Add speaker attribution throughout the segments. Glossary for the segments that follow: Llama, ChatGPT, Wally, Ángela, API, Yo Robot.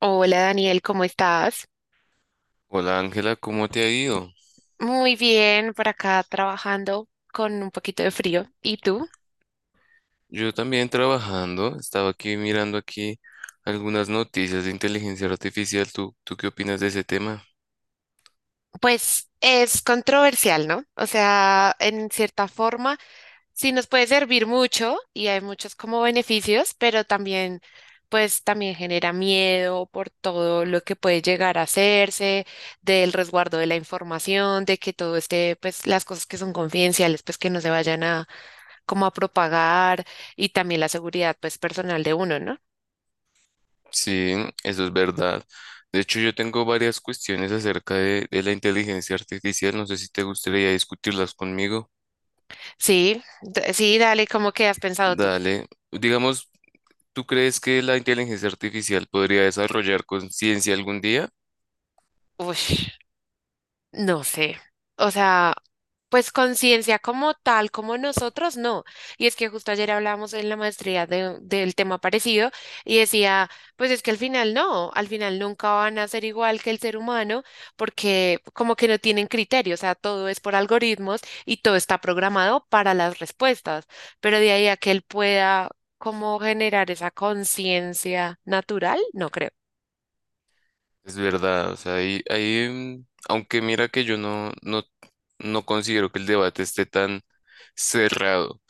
Speaker 1: Hola Daniel, ¿cómo estás?
Speaker 2: Hola Ángela, ¿cómo te ha ido?
Speaker 1: Muy bien, por acá trabajando con un poquito de frío. ¿Y tú?
Speaker 2: Yo también trabajando, estaba aquí mirando aquí algunas noticias de inteligencia artificial. ¿Tú qué opinas de ese tema?
Speaker 1: Pues es controversial, ¿no? O sea, en cierta forma, sí nos puede servir mucho y hay muchos como beneficios, pero también, pues también genera miedo por todo lo que puede llegar a hacerse, del resguardo de la información, de que todo esté, pues las cosas que son confidenciales, pues que no se vayan a como a propagar y también la seguridad, pues personal de uno, ¿no?
Speaker 2: Sí, eso es verdad. De hecho, yo tengo varias cuestiones acerca de la inteligencia artificial. No sé si te gustaría discutirlas conmigo.
Speaker 1: Sí, dale, ¿cómo que has pensado tú?
Speaker 2: Dale. Digamos, ¿tú crees que la inteligencia artificial podría desarrollar conciencia algún día?
Speaker 1: Uy, no sé. O sea, pues conciencia como tal, como nosotros, no. Y es que justo ayer hablábamos en la maestría de, del tema parecido y decía, pues es que al final no, al final nunca van a ser igual que el ser humano porque como que no tienen criterio, o sea, todo es por algoritmos y todo está programado para las respuestas, pero de ahí a que él pueda como generar esa conciencia natural, no creo.
Speaker 2: Es verdad, o sea, aunque mira que yo no considero que el debate esté tan cerrado.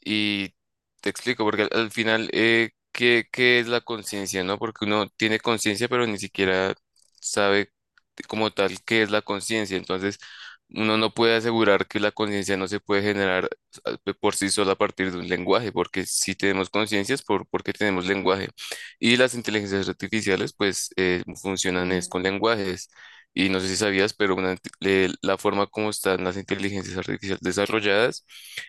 Speaker 2: Y te explico, porque al final, ¿qué es la conciencia, no? Porque uno tiene conciencia, pero ni siquiera sabe como tal qué es la conciencia. Entonces, uno no puede asegurar que la conciencia no se puede generar por sí sola a partir de un lenguaje, porque si tenemos conciencias, porque tenemos lenguaje. Y las inteligencias artificiales, pues, funcionan es con
Speaker 1: Mm.
Speaker 2: lenguajes. Y no sé si sabías, pero la forma como están las inteligencias artificiales desarrolladas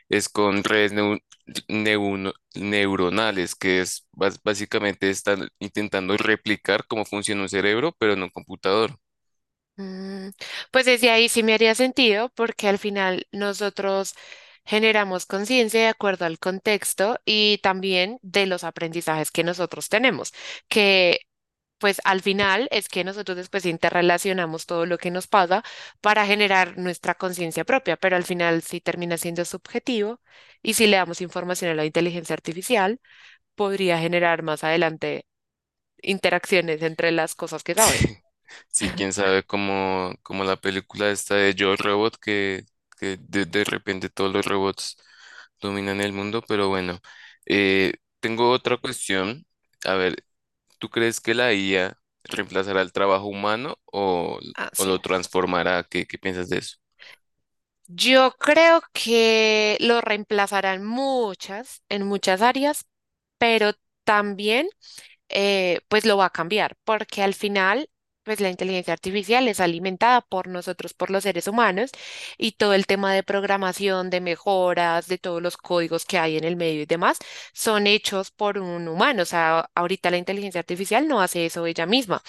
Speaker 2: es con neuronales, que es básicamente están intentando replicar cómo funciona un cerebro, pero en un computador.
Speaker 1: Mm, Pues desde ahí sí me haría sentido porque al final nosotros generamos conciencia de acuerdo al contexto y también de los aprendizajes que nosotros tenemos, que pues al final es que nosotros después interrelacionamos todo lo que nos pasa para generar nuestra conciencia propia, pero al final sí termina siendo subjetivo y si le damos información a la inteligencia artificial, podría generar más adelante interacciones entre las cosas que sabe.
Speaker 2: Sí, sí, quién sabe cómo, como la película esta de Yo Robot, que de repente todos los robots dominan el mundo, pero bueno, eh, tengo otra cuestión. A ver, ¿tú crees que la IA reemplazará el trabajo humano
Speaker 1: Ah,
Speaker 2: o
Speaker 1: sí.
Speaker 2: lo transformará? ¿Qué piensas de eso?
Speaker 1: Yo creo que lo reemplazarán muchas, en muchas áreas, pero también pues lo va a cambiar, porque al final pues la inteligencia artificial es alimentada por nosotros, por los seres humanos, y todo el tema de programación, de mejoras, de todos los códigos que hay en el medio y demás, son hechos por un humano. O sea, ahorita la inteligencia artificial no hace eso ella misma.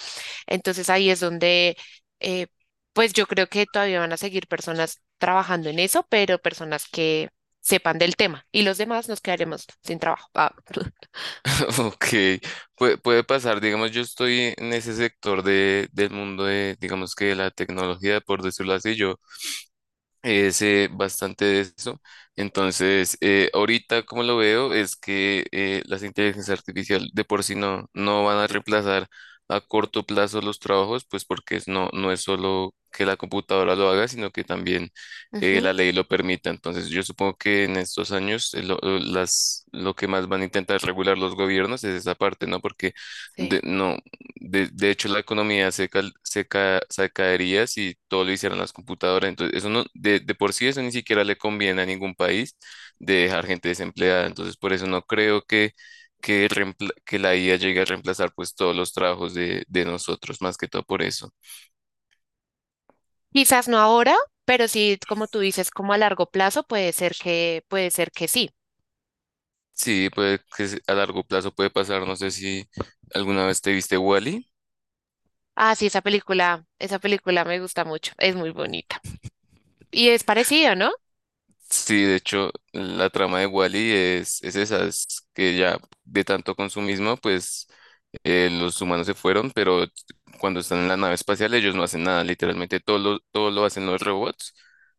Speaker 1: Entonces ahí es donde, eh, pues yo creo que todavía van a seguir personas trabajando en eso, pero personas que sepan del tema y los demás nos quedaremos sin trabajo. Ah,
Speaker 2: Ok. Puede pasar, digamos, yo estoy en ese sector del mundo de, digamos que de la tecnología, por decirlo así, yo es bastante de eso. Entonces, ahorita como lo veo es que las inteligencias artificiales de por sí no van a reemplazar a corto plazo los trabajos, pues porque no es solo que la computadora lo haga, sino que también
Speaker 1: ujú,
Speaker 2: la ley lo permita. Entonces, yo supongo que en estos años lo que más van a intentar regular los gobiernos es esa parte, ¿no? Porque de-
Speaker 1: sí.
Speaker 2: no, de hecho, la economía se, cal- se, ca- se caería si todo lo hicieran las computadoras. Entonces, eso no, de por sí eso ni siquiera le conviene a ningún país de dejar gente desempleada. Entonces, por eso no creo que la IA llegue a reemplazar pues todos los trabajos de nosotros, más que todo por eso.
Speaker 1: Quizás no ahora, pero sí, como tú dices, como a largo plazo puede ser que sí.
Speaker 2: Sí, a largo plazo puede pasar. No sé si alguna vez te viste Wall.
Speaker 1: Ah, sí, esa película me gusta mucho, es muy bonita. Y es parecido, ¿no?
Speaker 2: Sí, de hecho, la trama de Wally es esa, es que ya de tanto consumismo, pues los humanos se fueron, pero cuando están en la nave espacial ellos no hacen nada, literalmente todo lo hacen los robots,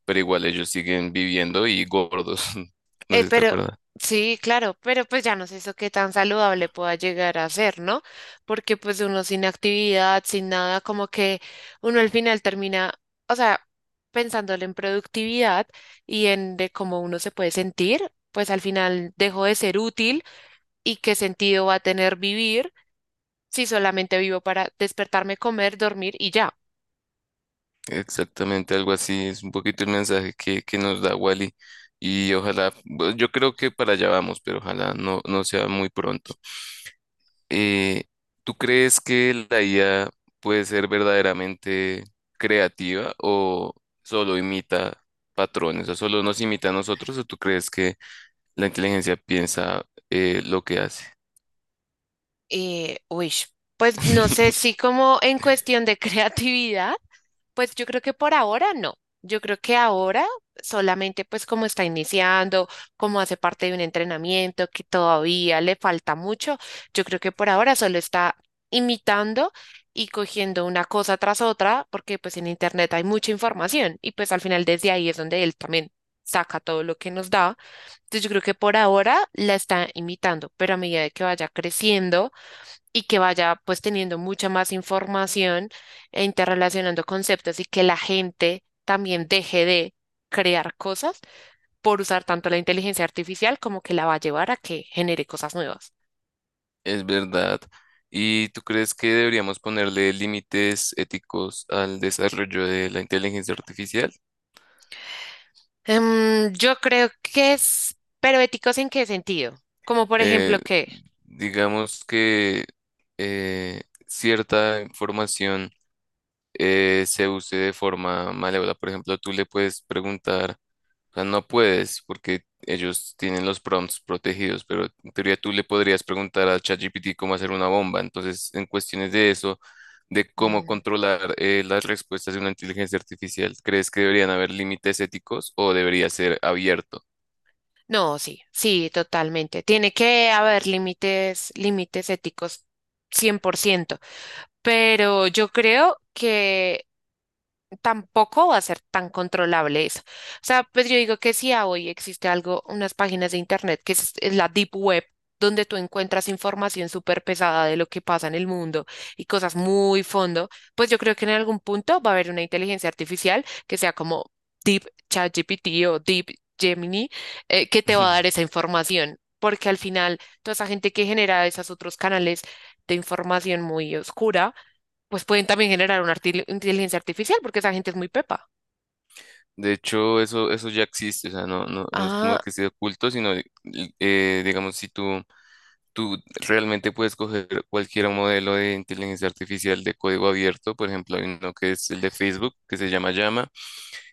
Speaker 2: pero igual ellos siguen viviendo y gordos, no sé si te
Speaker 1: Pero
Speaker 2: acuerdas.
Speaker 1: sí, claro, pero pues ya no sé eso qué tan saludable pueda llegar a ser, ¿no? Porque pues uno sin actividad, sin nada, como que uno al final termina, o sea, pensándole en productividad y en de cómo uno se puede sentir, pues al final dejo de ser útil y qué sentido va a tener vivir si solamente vivo para despertarme, comer, dormir y ya.
Speaker 2: Exactamente algo así, es un poquito el mensaje que nos da Wally y ojalá, bueno, yo creo que para allá vamos, pero ojalá no sea muy pronto. eh, ¿Tú crees que la IA puede ser verdaderamente creativa o solo imita patrones, o solo nos imita a nosotros, o tú crees que la inteligencia piensa lo que hace?
Speaker 1: Uy, pues no sé si como en cuestión de creatividad. Pues yo creo que por ahora no. Yo creo que ahora solamente pues como está iniciando, como hace parte de un entrenamiento que todavía le falta mucho, yo creo que por ahora solo está imitando y cogiendo una cosa tras otra, porque pues en internet hay mucha información y pues al final desde ahí es donde él también saca todo lo que nos da. Entonces yo creo que por ahora la está imitando, pero a medida de que vaya creciendo y que vaya pues teniendo mucha más información e interrelacionando conceptos y que la gente también deje de crear cosas por usar tanto la inteligencia artificial como que la va a llevar a que genere cosas nuevas.
Speaker 2: Es verdad. ¿Y tú crees que deberíamos ponerle límites éticos al desarrollo de la inteligencia artificial?
Speaker 1: Yo creo que es, pero ¿éticos en qué sentido? Como por ejemplo
Speaker 2: Eh,
Speaker 1: que,
Speaker 2: digamos que eh, cierta información se use de forma malévola. Por ejemplo, tú le puedes preguntar, o sea, no puedes porque ellos tienen los prompts protegidos, pero en teoría tú le podrías preguntar a ChatGPT cómo hacer una bomba. Entonces, en cuestiones de eso, de cómo
Speaker 1: mm,
Speaker 2: controlar las respuestas de una inteligencia artificial, ¿crees que deberían haber límites éticos o debería ser abierto?
Speaker 1: no, sí, sí, totalmente. Tiene que haber límites, límites éticos 100%, pero yo creo que tampoco va a ser tan controlable eso. O sea, pues yo digo que si a hoy existe algo, unas páginas de internet que es la Deep Web, donde tú encuentras información súper pesada de lo que pasa en el mundo y cosas muy fondo, pues yo creo que en algún punto va a haber una inteligencia artificial que sea como Deep ChatGPT o Deep Gemini, que te va a dar esa información. Porque al final, toda esa gente que genera esos otros canales de información muy oscura, pues pueden también generar una inteligencia artificial porque esa gente es muy pepa.
Speaker 2: De hecho, eso ya existe, o sea, no es como
Speaker 1: Ah,
Speaker 2: que esté oculto, sino, digamos, si tú tú realmente puedes coger cualquier modelo de inteligencia artificial de código abierto. Por ejemplo, hay uno que es el de Facebook, que se llama Llama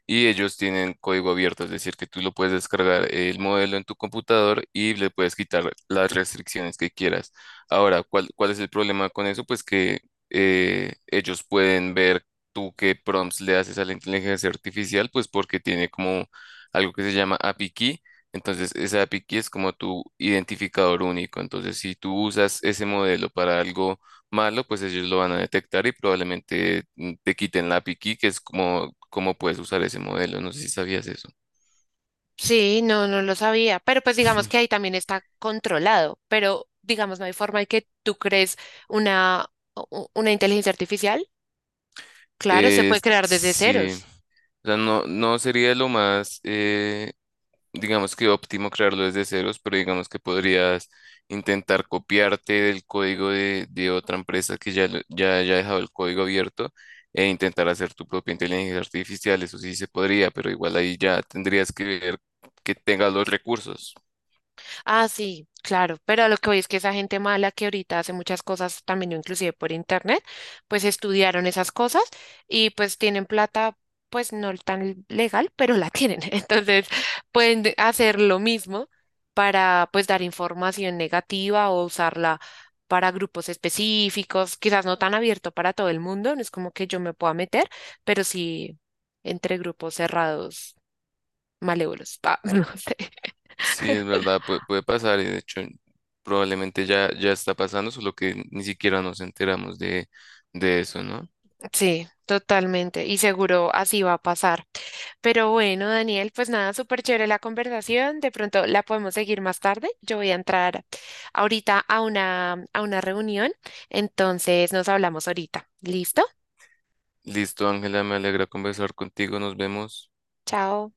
Speaker 2: y ellos tienen código abierto, es decir, que tú lo puedes descargar el modelo en tu computador y le puedes quitar las restricciones que quieras. Ahora, ¿cuál es el problema con eso? Pues que ellos pueden ver tú qué prompts le haces a la inteligencia artificial, pues porque tiene como algo que se llama API key. Entonces, esa API key es como tu identificador único. Entonces, si tú usas ese modelo para algo malo, pues ellos lo van a detectar y probablemente te quiten la piqui, que es como, como puedes usar ese modelo. No sé si sabías eso.
Speaker 1: sí, no, no lo sabía, pero pues digamos que ahí también está controlado, pero digamos no hay forma de que tú crees una, una inteligencia artificial. Claro, se
Speaker 2: Eh,
Speaker 1: puede crear desde
Speaker 2: sí,
Speaker 1: ceros.
Speaker 2: no sería lo más, digamos que óptimo crearlo desde ceros, pero digamos que podrías intentar copiarte del código de otra empresa que ya, ya haya dejado el código abierto e intentar hacer tu propia inteligencia artificial. Eso sí se podría, pero igual ahí ya tendrías que ver que tengas los recursos.
Speaker 1: Ah, sí, claro, pero a lo que voy es que esa gente mala que ahorita hace muchas cosas también, inclusive por internet, pues estudiaron esas cosas y pues tienen plata, pues no tan legal, pero la tienen. Entonces pueden hacer lo mismo para pues dar información negativa o usarla para grupos específicos, quizás no tan abierto para todo el mundo, no es como que yo me pueda meter, pero sí entre grupos cerrados, malévolos. Ah, no sé.
Speaker 2: Sí, es verdad, puede pasar y de hecho probablemente ya está pasando, solo que ni siquiera nos enteramos de eso, ¿no?
Speaker 1: Sí, totalmente. Y seguro así va a pasar. Pero bueno, Daniel, pues nada, súper chévere la conversación. De pronto la podemos seguir más tarde. Yo voy a entrar ahorita a una reunión. Entonces nos hablamos ahorita. ¿Listo?
Speaker 2: Listo, Ángela, me alegra conversar contigo, nos vemos.
Speaker 1: Chao.